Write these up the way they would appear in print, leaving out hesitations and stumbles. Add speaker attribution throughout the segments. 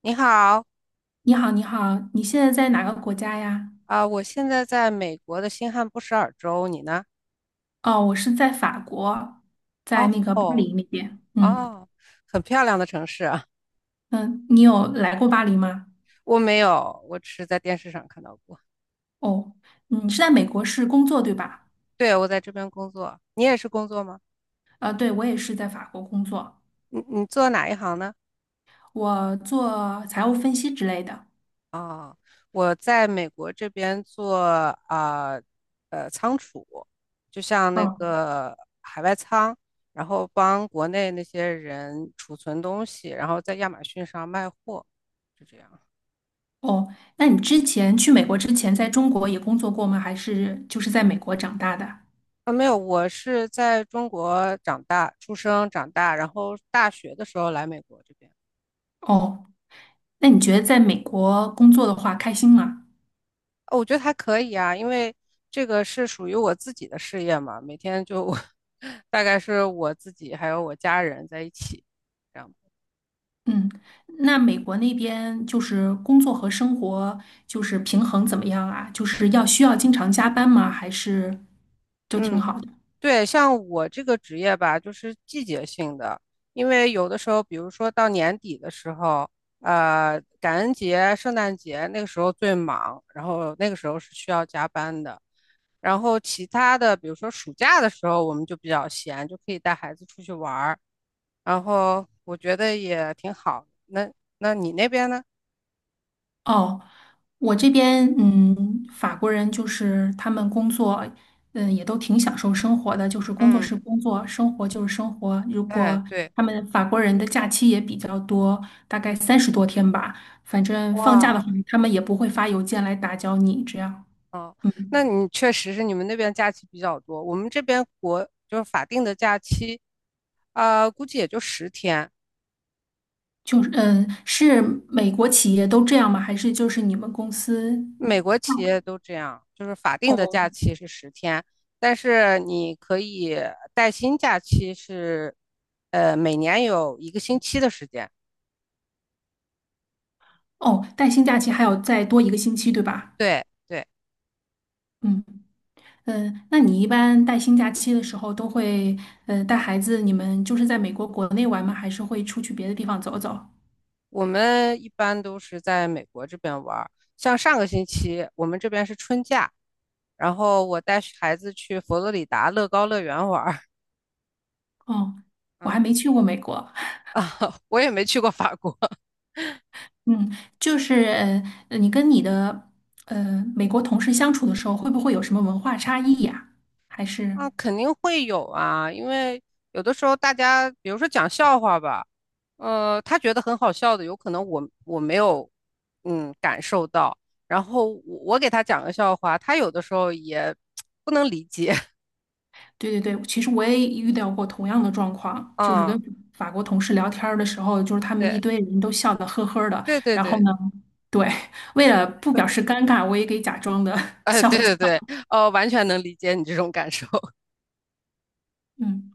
Speaker 1: 你好，
Speaker 2: 你好，你好，你现在在哪个国家呀？
Speaker 1: 啊、我现在在美国的新罕布什尔州，你呢？
Speaker 2: 哦，我是在法国，在那
Speaker 1: 哦
Speaker 2: 个巴
Speaker 1: 哦
Speaker 2: 黎那边。嗯
Speaker 1: 哦。很漂亮的城市啊！
Speaker 2: 嗯，你有来过巴黎吗？
Speaker 1: 我没有，我只是在电视上看到过。
Speaker 2: 哦，你是在美国是工作对吧？
Speaker 1: 对，我在这边工作，你也是工作吗？
Speaker 2: 对，我也是在法国工作，
Speaker 1: 你做哪一行呢？
Speaker 2: 我做财务分析之类的。
Speaker 1: 哦，我在美国这边做啊仓储，就像那
Speaker 2: 嗯，
Speaker 1: 个海外仓，然后帮国内那些人储存东西，然后在亚马逊上卖货，就这样。
Speaker 2: 哦，那你之前去美国之前在中国也工作过吗？还是就是在美国长大的？
Speaker 1: 啊，没有，我是在中国长大、出生、长大，然后大学的时候来美国这边。
Speaker 2: 哦，那你觉得在美国工作的话开心吗？
Speaker 1: 哦，我觉得还可以啊，因为这个是属于我自己的事业嘛，每天就 大概是我自己还有我家人在一起，这样。
Speaker 2: 嗯，那美国那边就是工作和生活就是平衡怎么样啊？就是要需要经常加班吗？还是就挺
Speaker 1: 嗯。
Speaker 2: 好的？
Speaker 1: 对，像我这个职业吧，就是季节性的，因为有的时候，比如说到年底的时候，感恩节、圣诞节那个时候最忙，然后那个时候是需要加班的。然后其他的，比如说暑假的时候，我们就比较闲，就可以带孩子出去玩儿，然后我觉得也挺好。那你那边呢？
Speaker 2: 哦，我这边法国人就是他们工作也都挺享受生活的，就是工作
Speaker 1: 嗯，
Speaker 2: 是工作，生活就是生活。如
Speaker 1: 哎，
Speaker 2: 果
Speaker 1: 对，
Speaker 2: 他们法国人的假期也比较多，大概30多天吧，反正放假的
Speaker 1: 哇，
Speaker 2: 话，他们也不会发邮件来打搅你，这样。
Speaker 1: 哦，
Speaker 2: 嗯。
Speaker 1: 那你确实是你们那边假期比较多，我们这边国就是法定的假期，估计也就十天。
Speaker 2: 就是是美国企业都这样吗？还是就是你们公司？
Speaker 1: 美国企业都这样，就是法定的
Speaker 2: 哦
Speaker 1: 假期是十天，但是你可以带薪假期是，每年有一个星期的时间。
Speaker 2: 哦，带薪假期还有再多一个星期，对吧？
Speaker 1: 对对。
Speaker 2: 嗯嗯，那你一般带薪假期的时候都会带孩子，你们就是在美国国内玩吗？还是会出去别的地方走走？
Speaker 1: 我们一般都是在美国这边玩儿，像上个星期我们这边是春假，然后我带孩子去佛罗里达乐高乐园玩儿。
Speaker 2: 哦，我还没 去过美国。
Speaker 1: 啊，我也没去过法国
Speaker 2: 嗯，就是你跟你的美国同事相处的时候，会不会有什么文化差异呀？还是？
Speaker 1: 啊。肯定会有啊，因为有的时候大家，比如说讲笑话吧，他觉得很好笑的，有可能我没有，感受到，然后我给他讲个笑话，他有的时候也不能理解
Speaker 2: 对对对，其实我也遇到过同样的状 况，就是跟
Speaker 1: 啊，
Speaker 2: 法国同事聊天儿的时候，就是他们一
Speaker 1: 对
Speaker 2: 堆人都笑得呵呵的，
Speaker 1: 对对
Speaker 2: 然后
Speaker 1: 对，
Speaker 2: 呢，对，为了不表示尴尬，我也给假装的
Speaker 1: 哎，
Speaker 2: 笑
Speaker 1: 对
Speaker 2: 一下。
Speaker 1: 对对，完全能理解你这种感受。
Speaker 2: 嗯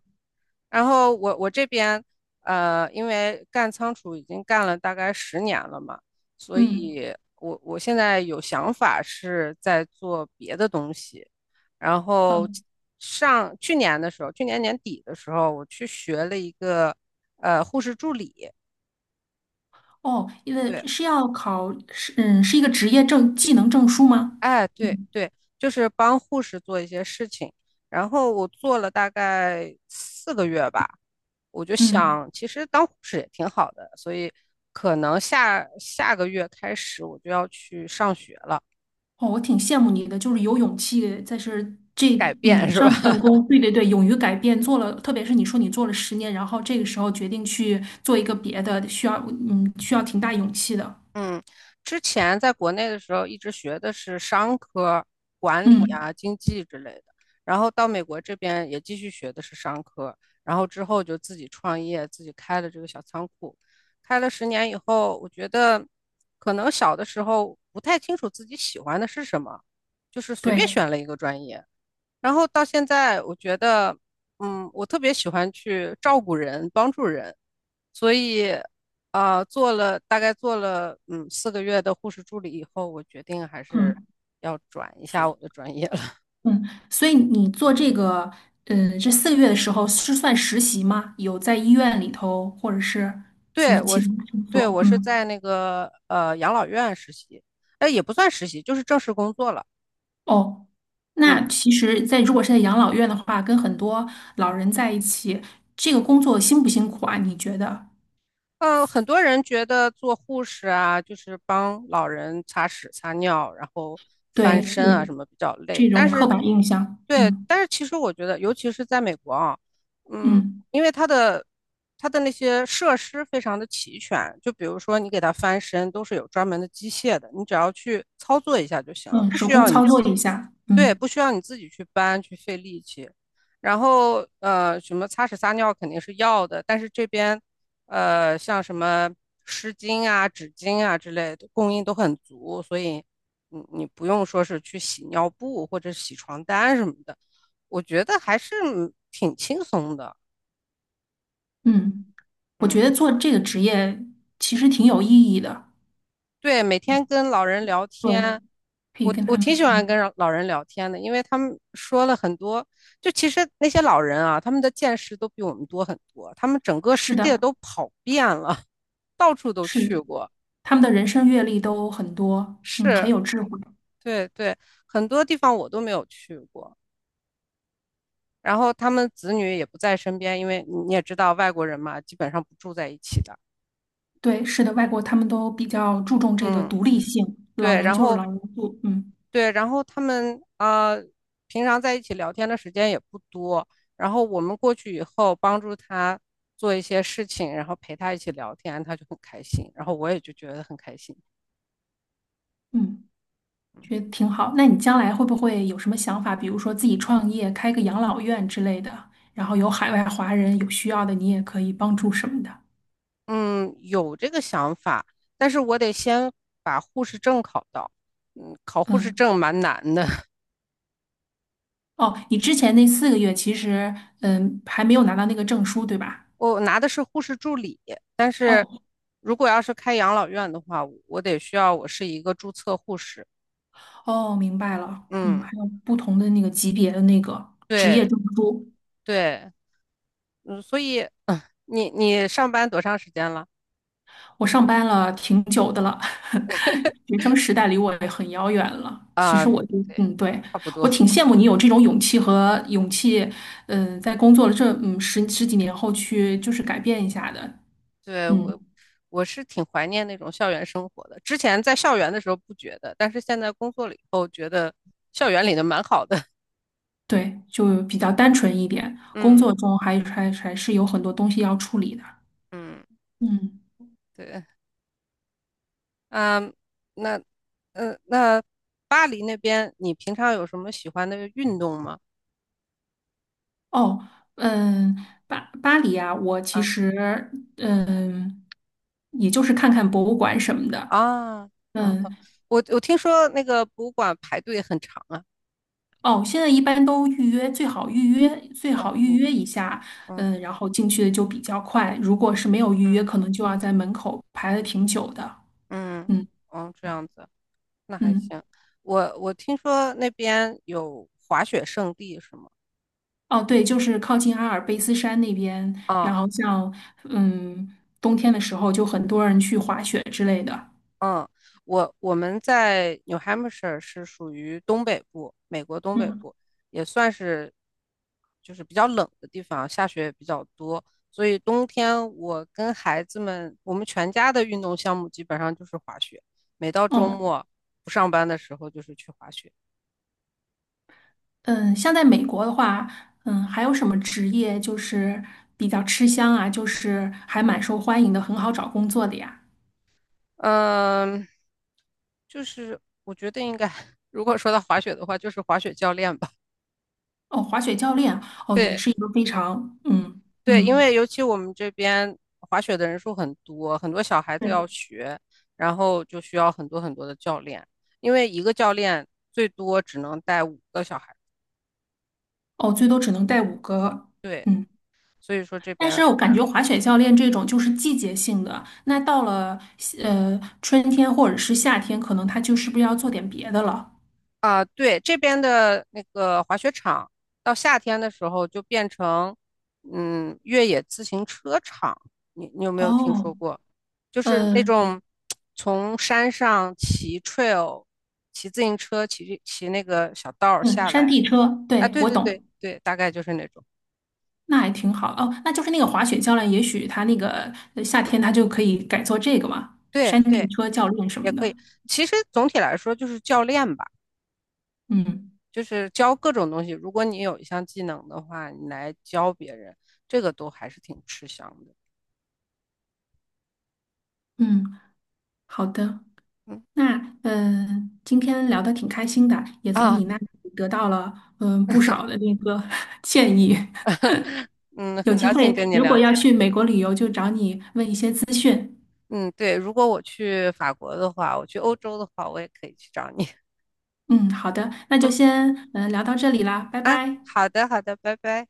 Speaker 1: 然后我这边因为干仓储已经干了大概十年了嘛，所
Speaker 2: 嗯
Speaker 1: 以我现在有想法是在做别的东西。然后
Speaker 2: 嗯，
Speaker 1: 上去年的时候，去年年底的时候，我去学了一个护士助理，
Speaker 2: 哦，因为
Speaker 1: 对，
Speaker 2: 是要考是是一个职业证技能证书吗？
Speaker 1: 哎，对
Speaker 2: 嗯
Speaker 1: 对，就是帮护士做一些事情。然后我做了大概四个月吧。我就
Speaker 2: 嗯。
Speaker 1: 想，其实当护士也挺好的，所以可能下下个月开始我就要去上学了，
Speaker 2: 哦，我挺羡慕你的，就是有勇气，在是这
Speaker 1: 改
Speaker 2: 你的
Speaker 1: 变是吧？
Speaker 2: 上一份 工，对对对，勇于改变，做了，特别是你说你做了10年，然后这个时候决定去做一个别的，需要需要挺大勇气的，
Speaker 1: 嗯，之前在国内的时候一直学的是商科、管理
Speaker 2: 嗯，
Speaker 1: 啊、经济之类的，然后到美国这边也继续学的是商科，然后之后就自己创业，自己开了这个小仓库，开了十年以后，我觉得可能小的时候不太清楚自己喜欢的是什么，就是随便
Speaker 2: 对，
Speaker 1: 选了一个专业。然后到现在，我觉得，我特别喜欢去照顾人、帮助人，所以，啊、做了大概做了嗯四个月的护士助理以后，我决定还
Speaker 2: 嗯
Speaker 1: 是要转一下我的专业了。
Speaker 2: 嗯，所以你做这个，嗯，这四个月的时候是算实习吗？有在医院里头或者是什么
Speaker 1: 对，我
Speaker 2: 其他
Speaker 1: 是，
Speaker 2: 工
Speaker 1: 对，
Speaker 2: 作？
Speaker 1: 我是
Speaker 2: 嗯
Speaker 1: 在那个养老院实习，哎，也不算实习，就是正式工作了。
Speaker 2: 哦，那
Speaker 1: 嗯，
Speaker 2: 其实在，如果是在养老院的话，跟很多老人在一起，这个工作辛不辛苦啊？你觉得？
Speaker 1: 很多人觉得做护士啊，就是帮老人擦屎、擦尿，然后翻
Speaker 2: 对，
Speaker 1: 身
Speaker 2: 有
Speaker 1: 啊什么比较
Speaker 2: 这
Speaker 1: 累，但
Speaker 2: 种刻
Speaker 1: 是
Speaker 2: 板印象，
Speaker 1: 对，
Speaker 2: 嗯
Speaker 1: 但是其实我觉得，尤其是在美国啊，嗯，
Speaker 2: 嗯
Speaker 1: 因为它的那些设施非常的齐全，就比如说你给它翻身都是有专门的机械的，你只要去操作一下就行了，
Speaker 2: 嗯，
Speaker 1: 不
Speaker 2: 手
Speaker 1: 需
Speaker 2: 工
Speaker 1: 要你
Speaker 2: 操
Speaker 1: 自
Speaker 2: 作
Speaker 1: 己
Speaker 2: 一下，
Speaker 1: 对，
Speaker 2: 嗯
Speaker 1: 不需要你自己去搬去费力气。然后什么擦屎撒尿肯定是要的，但是这边像什么湿巾啊、纸巾啊之类的供应都很足，所以你不用说是去洗尿布或者洗床单什么的，我觉得还是挺轻松的。
Speaker 2: 嗯，我
Speaker 1: 嗯，
Speaker 2: 觉得做这个职业其实挺有意义的，
Speaker 1: 对，每天跟老人聊
Speaker 2: 对，
Speaker 1: 天。
Speaker 2: 可以
Speaker 1: 我
Speaker 2: 跟
Speaker 1: 我
Speaker 2: 他们，
Speaker 1: 挺喜欢
Speaker 2: 嗯，
Speaker 1: 跟老人聊天的，因为他们说了很多，就其实那些老人啊，他们的见识都比我们多很多，他们整个
Speaker 2: 是
Speaker 1: 世界
Speaker 2: 的，
Speaker 1: 都跑遍了，到处都
Speaker 2: 是
Speaker 1: 去
Speaker 2: 的，
Speaker 1: 过，
Speaker 2: 他们的人生阅历都很多，嗯，很
Speaker 1: 是，
Speaker 2: 有智慧，
Speaker 1: 对对，很多地方我都没有去过。然后他们子女也不在身边，因为你也知道外国人嘛，基本上不住在一起的，
Speaker 2: 对，是的，外国他们都比较注重这个
Speaker 1: 嗯，
Speaker 2: 独立性，老
Speaker 1: 对，
Speaker 2: 人
Speaker 1: 然
Speaker 2: 就是
Speaker 1: 后
Speaker 2: 老人住，嗯
Speaker 1: 对，然后他们啊、平常在一起聊天的时间也不多，然后我们过去以后帮助他做一些事情，然后陪他一起聊天，他就很开心，然后我也就觉得很开心。
Speaker 2: 嗯。觉得挺好。那你将来会不会有什么想法？比如说自己创业，开个养老院之类的，然后有海外华人有需要的，你也可以帮助什么的。
Speaker 1: 嗯，有这个想法，但是我得先把护士证考到。考护士
Speaker 2: 嗯，
Speaker 1: 证蛮难的，
Speaker 2: 哦，你之前那四个月其实，嗯，还没有拿到那个证书，对吧？
Speaker 1: 我拿的是护士助理。
Speaker 2: 哦
Speaker 1: 如果要是开养老院的话，我得需要我是一个注册护士。
Speaker 2: 哦，明白了。嗯，
Speaker 1: 嗯，
Speaker 2: 还有不同的那个级别的那个职业
Speaker 1: 对
Speaker 2: 证书。
Speaker 1: 对。嗯，所以你上班多长时间了
Speaker 2: 我上班了挺久的了，学生时代离我也很遥远了。其
Speaker 1: 啊？
Speaker 2: 实我
Speaker 1: 对，
Speaker 2: 就，嗯，对，
Speaker 1: 差不
Speaker 2: 我
Speaker 1: 多。
Speaker 2: 挺羡慕你有这种勇气和勇气，嗯、在工作了这十几年后去就是改变一下的，
Speaker 1: 对，
Speaker 2: 嗯，
Speaker 1: 我是挺怀念那种校园生活的。之前在校园的时候不觉得，但是现在工作了以后，觉得校园里的蛮好的。
Speaker 2: 对，就比较单纯一点。工
Speaker 1: 嗯
Speaker 2: 作中还是有很多东西要处理的，
Speaker 1: 嗯，
Speaker 2: 嗯，
Speaker 1: 对，嗯，那那巴黎那边，你平常有什么喜欢的运动吗？
Speaker 2: 哦，嗯，巴黎啊，我其
Speaker 1: 啊
Speaker 2: 实嗯，也就是看看博物馆什么的。
Speaker 1: 啊啊！
Speaker 2: 嗯，
Speaker 1: 我听说那个博物馆排队很长啊。
Speaker 2: 哦，现在一般都预约，最好预约，最
Speaker 1: 哦，
Speaker 2: 好预
Speaker 1: 预
Speaker 2: 约
Speaker 1: 约。
Speaker 2: 一下，
Speaker 1: 嗯
Speaker 2: 嗯，然后进去的就比较快。如果是没有预约，可能就要在门口排的挺久的。
Speaker 1: 嗯嗯，
Speaker 2: 嗯
Speaker 1: 哦，这样子。那还
Speaker 2: 嗯，
Speaker 1: 行。我听说那边有滑雪胜地是吗？
Speaker 2: 哦，对，就是靠近阿尔卑斯山那边，然
Speaker 1: 啊，
Speaker 2: 后像嗯冬天的时候，就很多人去滑雪之类的。
Speaker 1: 嗯，我们在 New Hampshire 是属于东北部，美国东北
Speaker 2: 嗯
Speaker 1: 部，也算是就是比较冷的地方，下雪也比较多，所以冬天我跟孩子们，我们全家的运动项目基本上就是滑雪，每到周
Speaker 2: 嗯
Speaker 1: 末不上班的时候就是去滑雪。
Speaker 2: 嗯，像在美国的话，嗯，还有什么职业就是比较吃香啊，就是还蛮受欢迎的，很好找工作的呀？
Speaker 1: 嗯，就是我觉得应该，如果说到滑雪的话，就是滑雪教练吧。
Speaker 2: 哦，滑雪教练哦，也
Speaker 1: 对
Speaker 2: 是一个非常
Speaker 1: 对，因为尤其我们这边滑雪的人数很多，很多小孩子要
Speaker 2: 对
Speaker 1: 学，然后就需要很多很多的教练，因为一个教练最多只能带五个小孩。
Speaker 2: 哦，最多只能带五个
Speaker 1: 对，
Speaker 2: 嗯，
Speaker 1: 所以说这
Speaker 2: 但
Speaker 1: 边
Speaker 2: 是我感
Speaker 1: 很
Speaker 2: 觉滑
Speaker 1: 缺。
Speaker 2: 雪教练这种就是季节性的，那到了春天或者是夏天，可能他就是不是要做点别的了？
Speaker 1: 啊，对，这边的那个滑雪场，到夏天的时候就变成，越野自行车场。你有没有听
Speaker 2: 哦，
Speaker 1: 说过？就是那
Speaker 2: 呃
Speaker 1: 种从山上骑 trail、骑自行车、骑那个小道儿
Speaker 2: 嗯，
Speaker 1: 下来。
Speaker 2: 山地车，
Speaker 1: 啊，
Speaker 2: 对，
Speaker 1: 对，
Speaker 2: 我
Speaker 1: 对对
Speaker 2: 懂，
Speaker 1: 对大概就是那种。
Speaker 2: 那还挺好哦，那就是那个滑雪教练，也许他那个夏天他就可以改做这个嘛，
Speaker 1: 对
Speaker 2: 山地
Speaker 1: 对，
Speaker 2: 车教练什
Speaker 1: 也
Speaker 2: 么
Speaker 1: 可
Speaker 2: 的，
Speaker 1: 以。其实总体来说就是教练吧，
Speaker 2: 嗯
Speaker 1: 就是教各种东西。如果你有一项技能的话，你来教别人，这个都还是挺吃香的。
Speaker 2: 嗯，好的。
Speaker 1: 嗯。
Speaker 2: 那今天聊得挺开心的，也从
Speaker 1: 啊。
Speaker 2: 你那里得到了不少的那个 建议。
Speaker 1: 嗯，
Speaker 2: 有
Speaker 1: 很高
Speaker 2: 机
Speaker 1: 兴
Speaker 2: 会
Speaker 1: 跟你
Speaker 2: 如
Speaker 1: 聊
Speaker 2: 果要
Speaker 1: 天。
Speaker 2: 去美国旅游，就找你问一些资讯。
Speaker 1: 嗯，对，如果我去法国的话，我去欧洲的话，我也可以去找你。
Speaker 2: 嗯，好的，那就
Speaker 1: 嗯，
Speaker 2: 先聊到这里啦，拜拜。
Speaker 1: 好的，好的，拜拜。